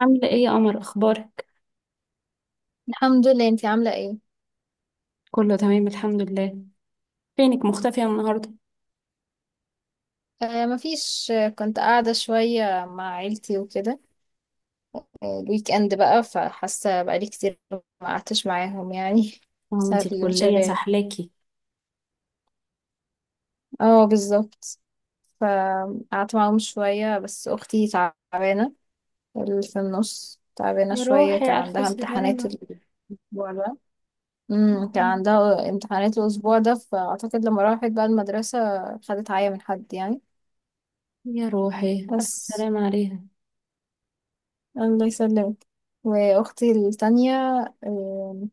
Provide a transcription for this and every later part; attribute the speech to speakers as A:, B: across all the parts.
A: عاملة ايه يا قمر؟ اخبارك؟
B: الحمد لله، انتي عاملة ايه؟
A: كله تمام الحمد لله. فينك مختفية النهاردة؟
B: مفيش. كنت قاعدة شوية مع عيلتي وكده. الويك اند بقى، فحاسة بقالي كتير ما قعدتش معاهم يعني
A: اه، انتي
B: بسبب
A: الكلية
B: الانشغال.
A: سحلاكي؟
B: اه بالظبط. فقعدت معاهم شوية، بس اختي تعبانة، اللي في النص تعبانة
A: يا
B: شوية، كان
A: روحي، ألف
B: عندها امتحانات
A: سلامة.
B: الاسبوع ده. كان عندها امتحانات الاسبوع ده، فاعتقد لما راحت بقى المدرسة خدت عيا من حد يعني.
A: يا روحي، ألف
B: بس
A: سلامة عليها.
B: الله يسلمك. واختي التانية آم،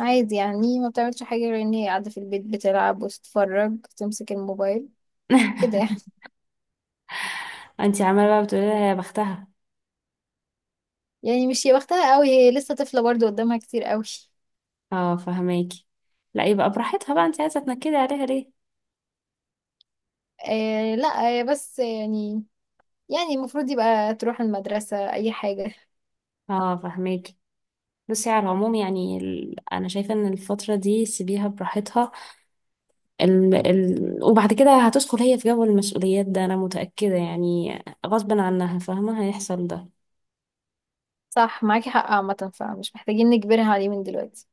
B: عادي، يعني ما بتعملش حاجة غير ان هي قاعدة في البيت بتلعب وتتفرج، تمسك الموبايل كده يعني.
A: انتي عمالة بقى بتقولي لها يا بختها؟
B: مش هي وقتها قوي، هي لسه طفلة برضه، قدامها كتير قوي.
A: اه، فهماكي. لا، يبقى براحتها بقى، انتي عايزة تنكدي عليها ليه؟
B: لا هي بس يعني، يعني المفروض يبقى تروح المدرسة اي حاجة.
A: اه، فهماكي. بصي على العموم، يعني انا شايفة ان الفترة دي سيبيها براحتها. وبعد كده هتدخل هي في جو المسؤوليات ده، انا متأكدة يعني غصب عنها، فاهمة، هيحصل ده.
B: صح، معاكي حق عامة، فمش محتاجين نجبرها عليه من دلوقتي.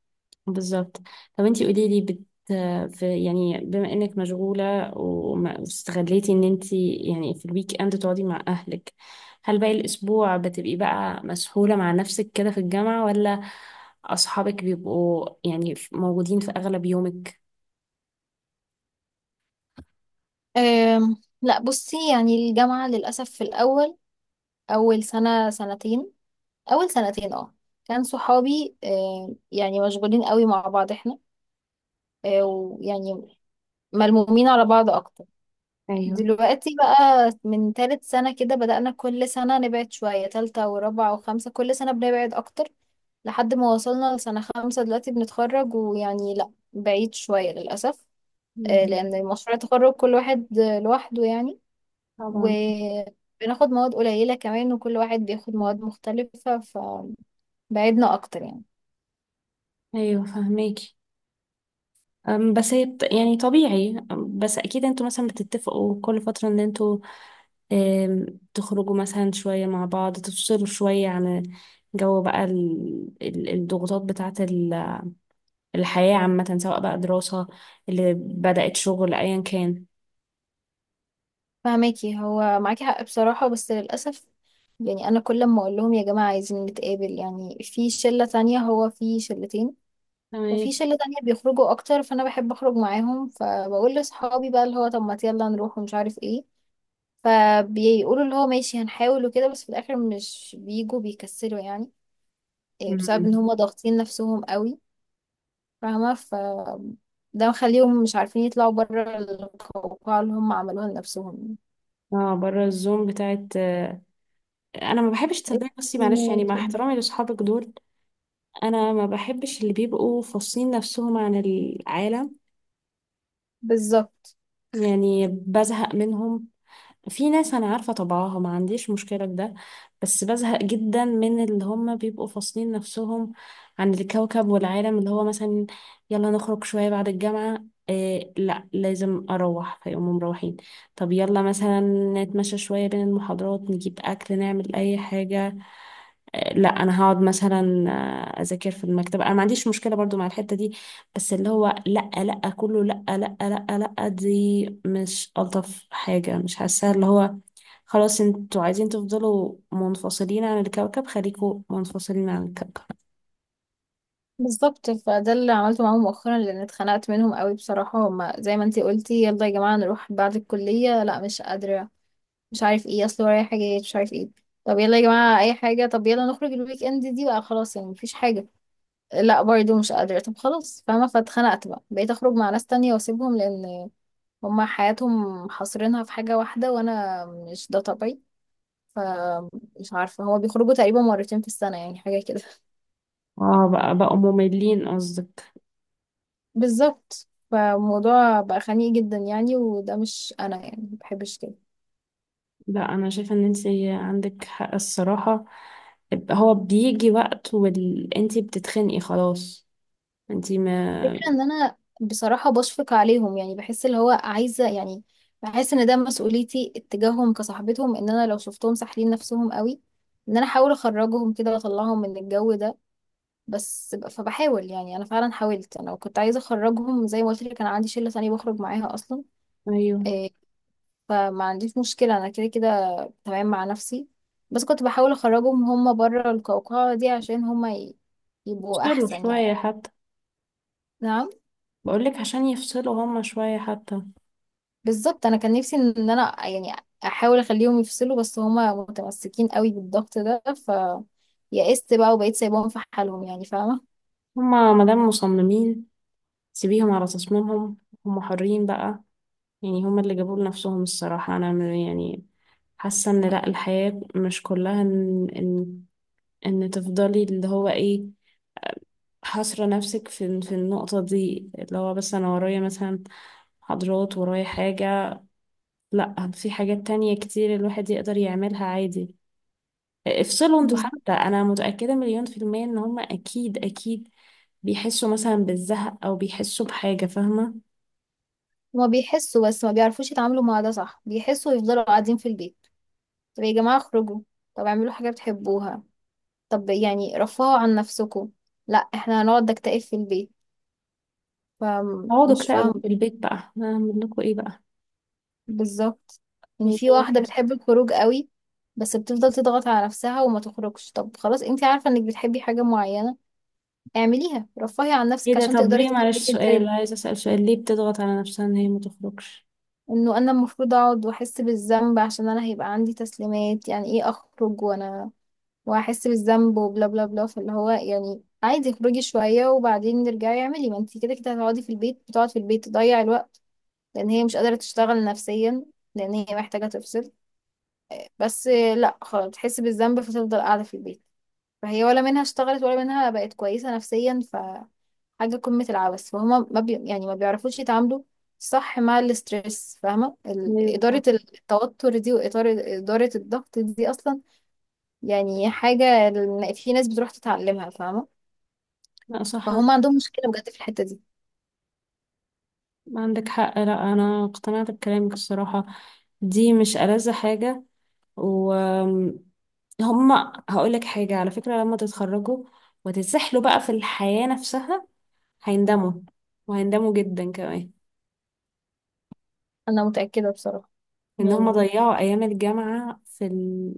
A: بالظبط. طب انتي قولي لي، بت، في، يعني بما انك مشغولة واستغليتي ان انتي يعني في الويك اند تقعدي مع اهلك، هل باقي الاسبوع بتبقي بقى مسحولة مع نفسك كده في الجامعة، ولا اصحابك بيبقوا يعني موجودين في اغلب يومك؟
B: آم، لا بصي، يعني الجامعة للأسف في الأول، أول سنة سنتين اول سنتين اه، كان صحابي يعني مشغولين قوي مع بعض احنا، ويعني ملمومين على بعض اكتر.
A: ايوه.
B: دلوقتي بقى من تالت سنة كده بدأنا كل سنة نبعد شوية، تالتة ورابعة وخمسة، كل سنة بنبعد اكتر، لحد ما وصلنا لسنة خمسة دلوقتي بنتخرج، ويعني لا، بعيد شوية للأسف.
A: مم.
B: لأن مشروع التخرج كل واحد لوحده يعني،
A: طبعا.
B: وبناخد مواد قليلة كمان، وكل واحد بياخد مواد مختلفة، فبعدنا أكتر يعني.
A: ايوه فهميكي. بس هي يعني طبيعي. بس اكيد انتوا مثلا بتتفقوا كل فترة ان انتوا آم، تخرجوا مثلا شوية مع بعض، تفصلوا شوية عن جو بقى الضغوطات بتاعة الحياة، عامة، سواء بقى دراسة اللي بدأت شغل، أيا كان.
B: فهماكي، هو معاكي حق بصراحة، بس للأسف يعني، أنا كل ما أقول لهم يا جماعة عايزين نتقابل يعني، في شلة تانية، هو في شلتين، ففي
A: تمام.
B: شلة تانية بيخرجوا أكتر، فأنا بحب أخرج معاهم، فبقول لأصحابي بقى اللي هو طب ما يلا نروح ومش عارف إيه، فبيقولوا اللي هو ماشي هنحاول وكده، بس في الآخر مش بيجوا، بيكسلوا يعني. إيه، بسبب إن
A: مم.
B: هما ضاغطين نفسهم قوي. فاهمة؟ ف ده مخليهم مش عارفين يطلعوا بره القوقعة اللي هم عملوها لنفسهم
A: اه بره الزوم بتاعت انا ما بحبش، تصدقي بصي، معلش، يعني
B: يعني.
A: مع احترامي لاصحابك دول، انا ما بحبش اللي بيبقوا فاصلين نفسهم عن العالم.
B: بالظبط.
A: يعني بزهق منهم. في ناس انا عارفه طبعها ما عنديش مشكله في ده، بس بزهق جدا من اللي هم بيبقوا فاصلين نفسهم عن الكوكب والعالم، اللي هو مثلا يلا نخرج شويه بعد الجامعه، إيه لا لازم اروح، فيقوموا مروحين. طب يلا مثلا نتمشى شويه بين المحاضرات، نجيب اكل، نعمل اي حاجه، إيه لا انا هقعد مثلا اذاكر في المكتبه. انا ما عنديش مشكله برضو مع الحته دي، بس اللي هو لأ لأ كله لأ لأ، لأ لأ دي مش ألطف حاجة، مش حاساها. اللي هو خلاص انتوا عايزين تفضلوا منفصلين عن الكوكب، خليكوا منفصلين عن الكوكب.
B: بالظبط فده اللي عملته معاهم مؤخرا، لان اتخنقت منهم قوي بصراحه، هما زي ما انتي قلتي، يلا يا جماعه نروح بعد الكليه، لا مش قادره مش عارف ايه، اصل ورايا حاجات مش عارف ايه. طب يلا يا جماعه اي حاجه، طب يلا نخرج الويك اند دي بقى، خلاص يعني مفيش حاجه، لا برضه مش قادره. طب خلاص فاهمه، فاتخنقت بقى، بقيت اخرج مع ناس تانية واسيبهم، لان هما حياتهم حاصرينها في حاجه واحده، وانا مش ده طبيعي. فمش عارفه، هما بيخرجوا تقريبا مرتين في السنه، يعني حاجه كده.
A: اه بقى، بقوا مملين قصدك؟
B: بالظبط، فالموضوع بقى خنيق جدا يعني، وده مش انا، يعني ما بحبش كده.
A: لا، أنا شايفة إن انتي عندك حق الصراحة. هو بيجي وقت وانتي بتتخنقي خلاص. انتي ما.
B: فكرة ان انا بصراحة بشفق عليهم، يعني بحس اللي هو عايزة يعني، بحس ان ده مسؤوليتي اتجاههم كصاحبتهم، ان انا لو شفتهم ساحلين نفسهم قوي، ان انا احاول اخرجهم كده واطلعهم من الجو ده. فبحاول يعني، انا فعلا حاولت، انا كنت عايزة اخرجهم، زي ما قلت لك انا عندي شلة تانية بخرج معاها اصلا.
A: أيوه.
B: إيه، فما عنديش مشكلة انا، كده كده تمام مع نفسي، بس كنت بحاول اخرجهم هم بره القوقعة دي، عشان يبقوا
A: يفصلوا
B: احسن يعني.
A: شوية حتى.
B: نعم.
A: بقولك عشان يفصلوا هما شوية حتى.
B: بالظبط، انا كان نفسي ان انا يعني احاول اخليهم يفصلوا، بس هم متمسكين قوي بالضغط ده، ف يئست بقى وبقيت سايباهم في حالهم، يعني فاهمة.
A: هما مادام مصممين، سيبيهم على تصميمهم، هم حرين بقى. يعني هم اللي جابوا لنفسهم الصراحة. أنا يعني حاسة إن لأ، الحياة مش كلها إن إن تفضلي اللي هو إيه، حاصرة نفسك في النقطة دي، اللي هو بس أنا ورايا مثلا محاضرات، ورايا حاجة. لأ، في حاجات تانية كتير الواحد يقدر يعملها عادي. افصلوا انتوا
B: بالظبط،
A: حتى، أنا متأكدة مليون في المية إن هم أكيد أكيد بيحسوا مثلا بالزهق، أو بيحسوا بحاجة، فاهمة.
B: هما بيحسوا بس ما بيعرفوش يتعاملوا مع ده صح، بيحسوا ويفضلوا قاعدين في البيت. طب يا جماعة اخرجوا، طب اعملوا حاجة بتحبوها، طب يعني رفهوا عن نفسكم، لا احنا هنقعد نكتئب في البيت.
A: اقعدوا
B: فمش
A: اكتئبوا
B: فاهمة.
A: في البيت بقى، هعمل لكم ايه بقى؟
B: بالظبط، يعني
A: يعني
B: في واحدة بتحب الخروج قوي، بس بتفضل تضغط على نفسها وما تخرجش، طب خلاص انت عارفة انك بتحبي حاجة معينة، اعمليها، رفهي عن
A: ايه
B: نفسك
A: ده،
B: عشان
A: طب
B: تقدري
A: ليه، معلش
B: تكملي
A: سؤال
B: الترم.
A: عايزة اسأل، سؤال، ليه بتضغط على نفسها ان هي ما تخرجش؟
B: انه انا المفروض اقعد واحس بالذنب، عشان انا هيبقى عندي تسليمات، يعني ايه اخرج وانا واحس بالذنب وبلا بلا بلا، فاللي هو يعني عادي، اخرجي شوية وبعدين نرجعي، اعملي، ما انت كده كده هتقعدي في البيت، بتقعد في البيت تضيع الوقت، لان هي مش قادرة تشتغل نفسيا، لان هي محتاجة تفصل، بس لا خلاص تحس بالذنب فتفضل قاعدة في البيت. فهي ولا منها اشتغلت، ولا منها بقت كويسة نفسيا، فحاجة قمة العبث، فهما ما بي... يعني ما بيعرفوش يتعاملوا صح مع الاسترس، فاهمة؟ ال-
A: ليه
B: إدارة
A: بقى؟
B: التوتر دي، إدارة الضغط دي أصلا، يعني حاجة ال- في ناس بتروح تتعلمها فاهمة،
A: لا صح.
B: فهم عندهم مشكلة بجد في الحتة دي.
A: عندك حق، لا انا اقتنعت بكلامك الصراحة، دي مش ألذ حاجة. و هما، هقول لك حاجة على فكرة، لما تتخرجوا وتتسحلوا بقى في الحياة نفسها، هيندموا، وهيندموا جدا كمان
B: أنا متأكدة بصراحة
A: ان هما
B: يعني،
A: ضيعوا ايام الجامعة في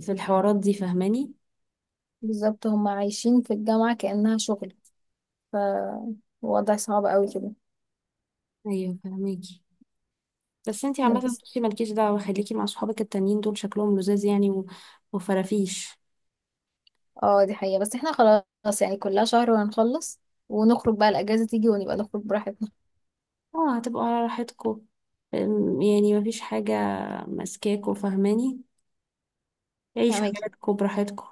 A: في الحوارات دي، فاهماني.
B: بالظبط، هم عايشين في الجامعة كأنها شغل، فوضع صعب قوي كده
A: ايوه فاهماكي. بس انتي عامة
B: بس.
A: بصي مالكيش دعوة، خليكي مع صحابك التانيين دول، شكلهم لذاذ يعني وفرافيش.
B: اه دي حقيقة، بس احنا خلاص يعني كلها شهر وهنخلص، ونخرج بقى الأجازة تيجي، ونبقى نخرج براحتنا.
A: اه هتبقوا على راحتكوا. يعني مفيش حاجة ماسكاكوا، فاهماني. عيشوا
B: فاهماكي،
A: حياتكوا براحتكوا.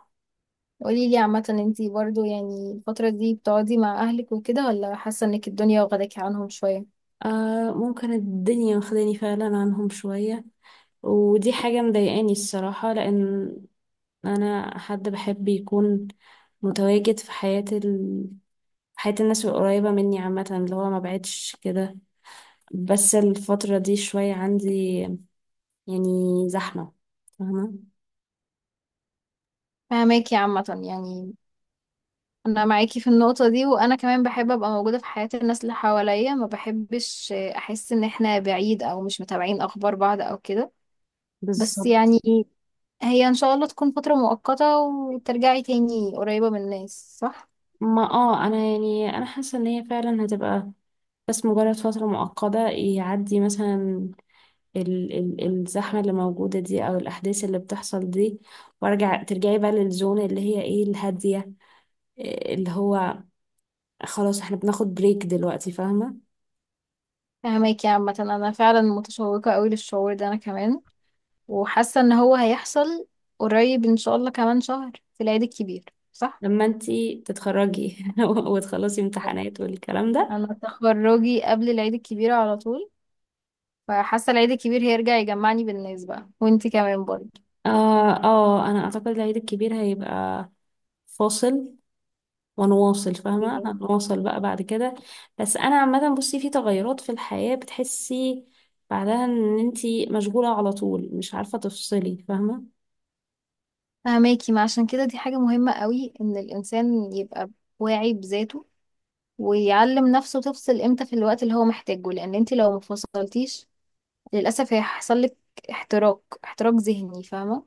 B: قولي لي عامة انتي برضو يعني الفترة دي بتقعدي مع أهلك وكده، ولا حاسة انك الدنيا واخداكي عنهم شوية؟
A: آه ممكن الدنيا واخداني فعلا عنهم شوية، ودي حاجة مضايقاني الصراحة، لأن أنا حد بحب يكون متواجد في حياة حياة الناس القريبة مني، عامة اللي هو ما بعدش كده. بس الفترة دي شوية عندي يعني زحمة، فاهمة.
B: فاهماكي عامة يعني، أنا معاكي في النقطة دي، وأنا كمان بحب أبقى موجودة في حياة الناس اللي حواليا، ما بحبش أحس إن احنا بعيد، أو مش متابعين أخبار بعض أو كده. بس
A: بالظبط.
B: يعني هي إن شاء الله تكون فترة مؤقتة، وترجعي تاني قريبة من الناس صح؟
A: ما انا حاسة ان هي فعلا هتبقى بس مجرد فترة مؤقتة، يعدي مثلا ال ال الزحمة اللي موجودة دي، او الاحداث اللي بتحصل دي، وارجع ترجعي بقى للزون اللي هي ايه، الهادية، إيه اللي هو خلاص احنا بناخد بريك دلوقتي، فاهمة.
B: فهماكي عامة، أنا فعلا متشوقة قوي للشعور ده أنا كمان، وحاسة إن هو هيحصل قريب إن شاء الله، كمان شهر في العيد الكبير صح؟
A: لما انتي تتخرجي وتخلصي
B: أه.
A: امتحانات والكلام ده.
B: أنا تخرجي قبل العيد الكبير على طول، فحاسة العيد الكبير هيرجع يجمعني بالناس بقى، وانتي كمان برضه.
A: اه اه انا اعتقد العيد الكبير هيبقى فاصل ونواصل، فاهمة،
B: أوكي.
A: هنواصل بقى بعد كده. بس أنا عامة بصي، في تغيرات في الحياة بتحسي بعدها إن انتي مشغولة على طول، مش عارفة تفصلي، فاهمة.
B: فهماكي، ما عشان كده دي حاجة مهمة قوي، إن الإنسان يبقى واعي بذاته، ويعلم نفسه تفصل إمتى في الوقت اللي هو محتاجه، لأن انتي لو مفصلتيش للأسف هيحصل لك احتراق ذهني فاهمة،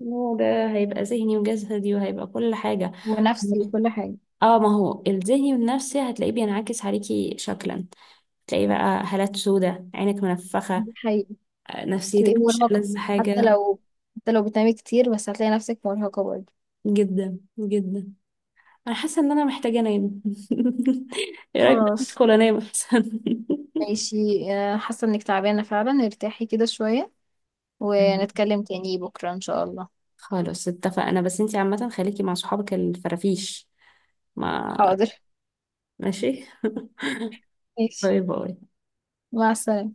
A: وده هيبقى ذهني وجسدي، وهيبقى كل حاجة.
B: ونفسي وكل حاجة.
A: اه ما هو الذهني والنفسي هتلاقيه بينعكس عليكي شكلا، تلاقي بقى هالات سودة، عينك منفخة،
B: دي حقيقة، تبقي
A: نفسيتك مش
B: مرهقة،
A: ألذ
B: حتى
A: حاجة.
B: لو حتى لو بتنامي كتير، بس هتلاقي نفسك مرهقة برضه.
A: جدا جدا. أنا حاسة إن أنا محتاجة أنام. إيه رأيك بقى
B: خلاص
A: ندخل أنام أحسن؟
B: ماشي. حاسة انك تعبانة فعلا، ارتاحي كده شوية، ونتكلم تاني بكرة ان شاء الله.
A: خلاص اتفقنا، بس انتي عامة خليكي مع صحابك الفرافيش. ما
B: حاضر
A: ماشي.
B: ماشي،
A: باي باي.
B: مع السلامة.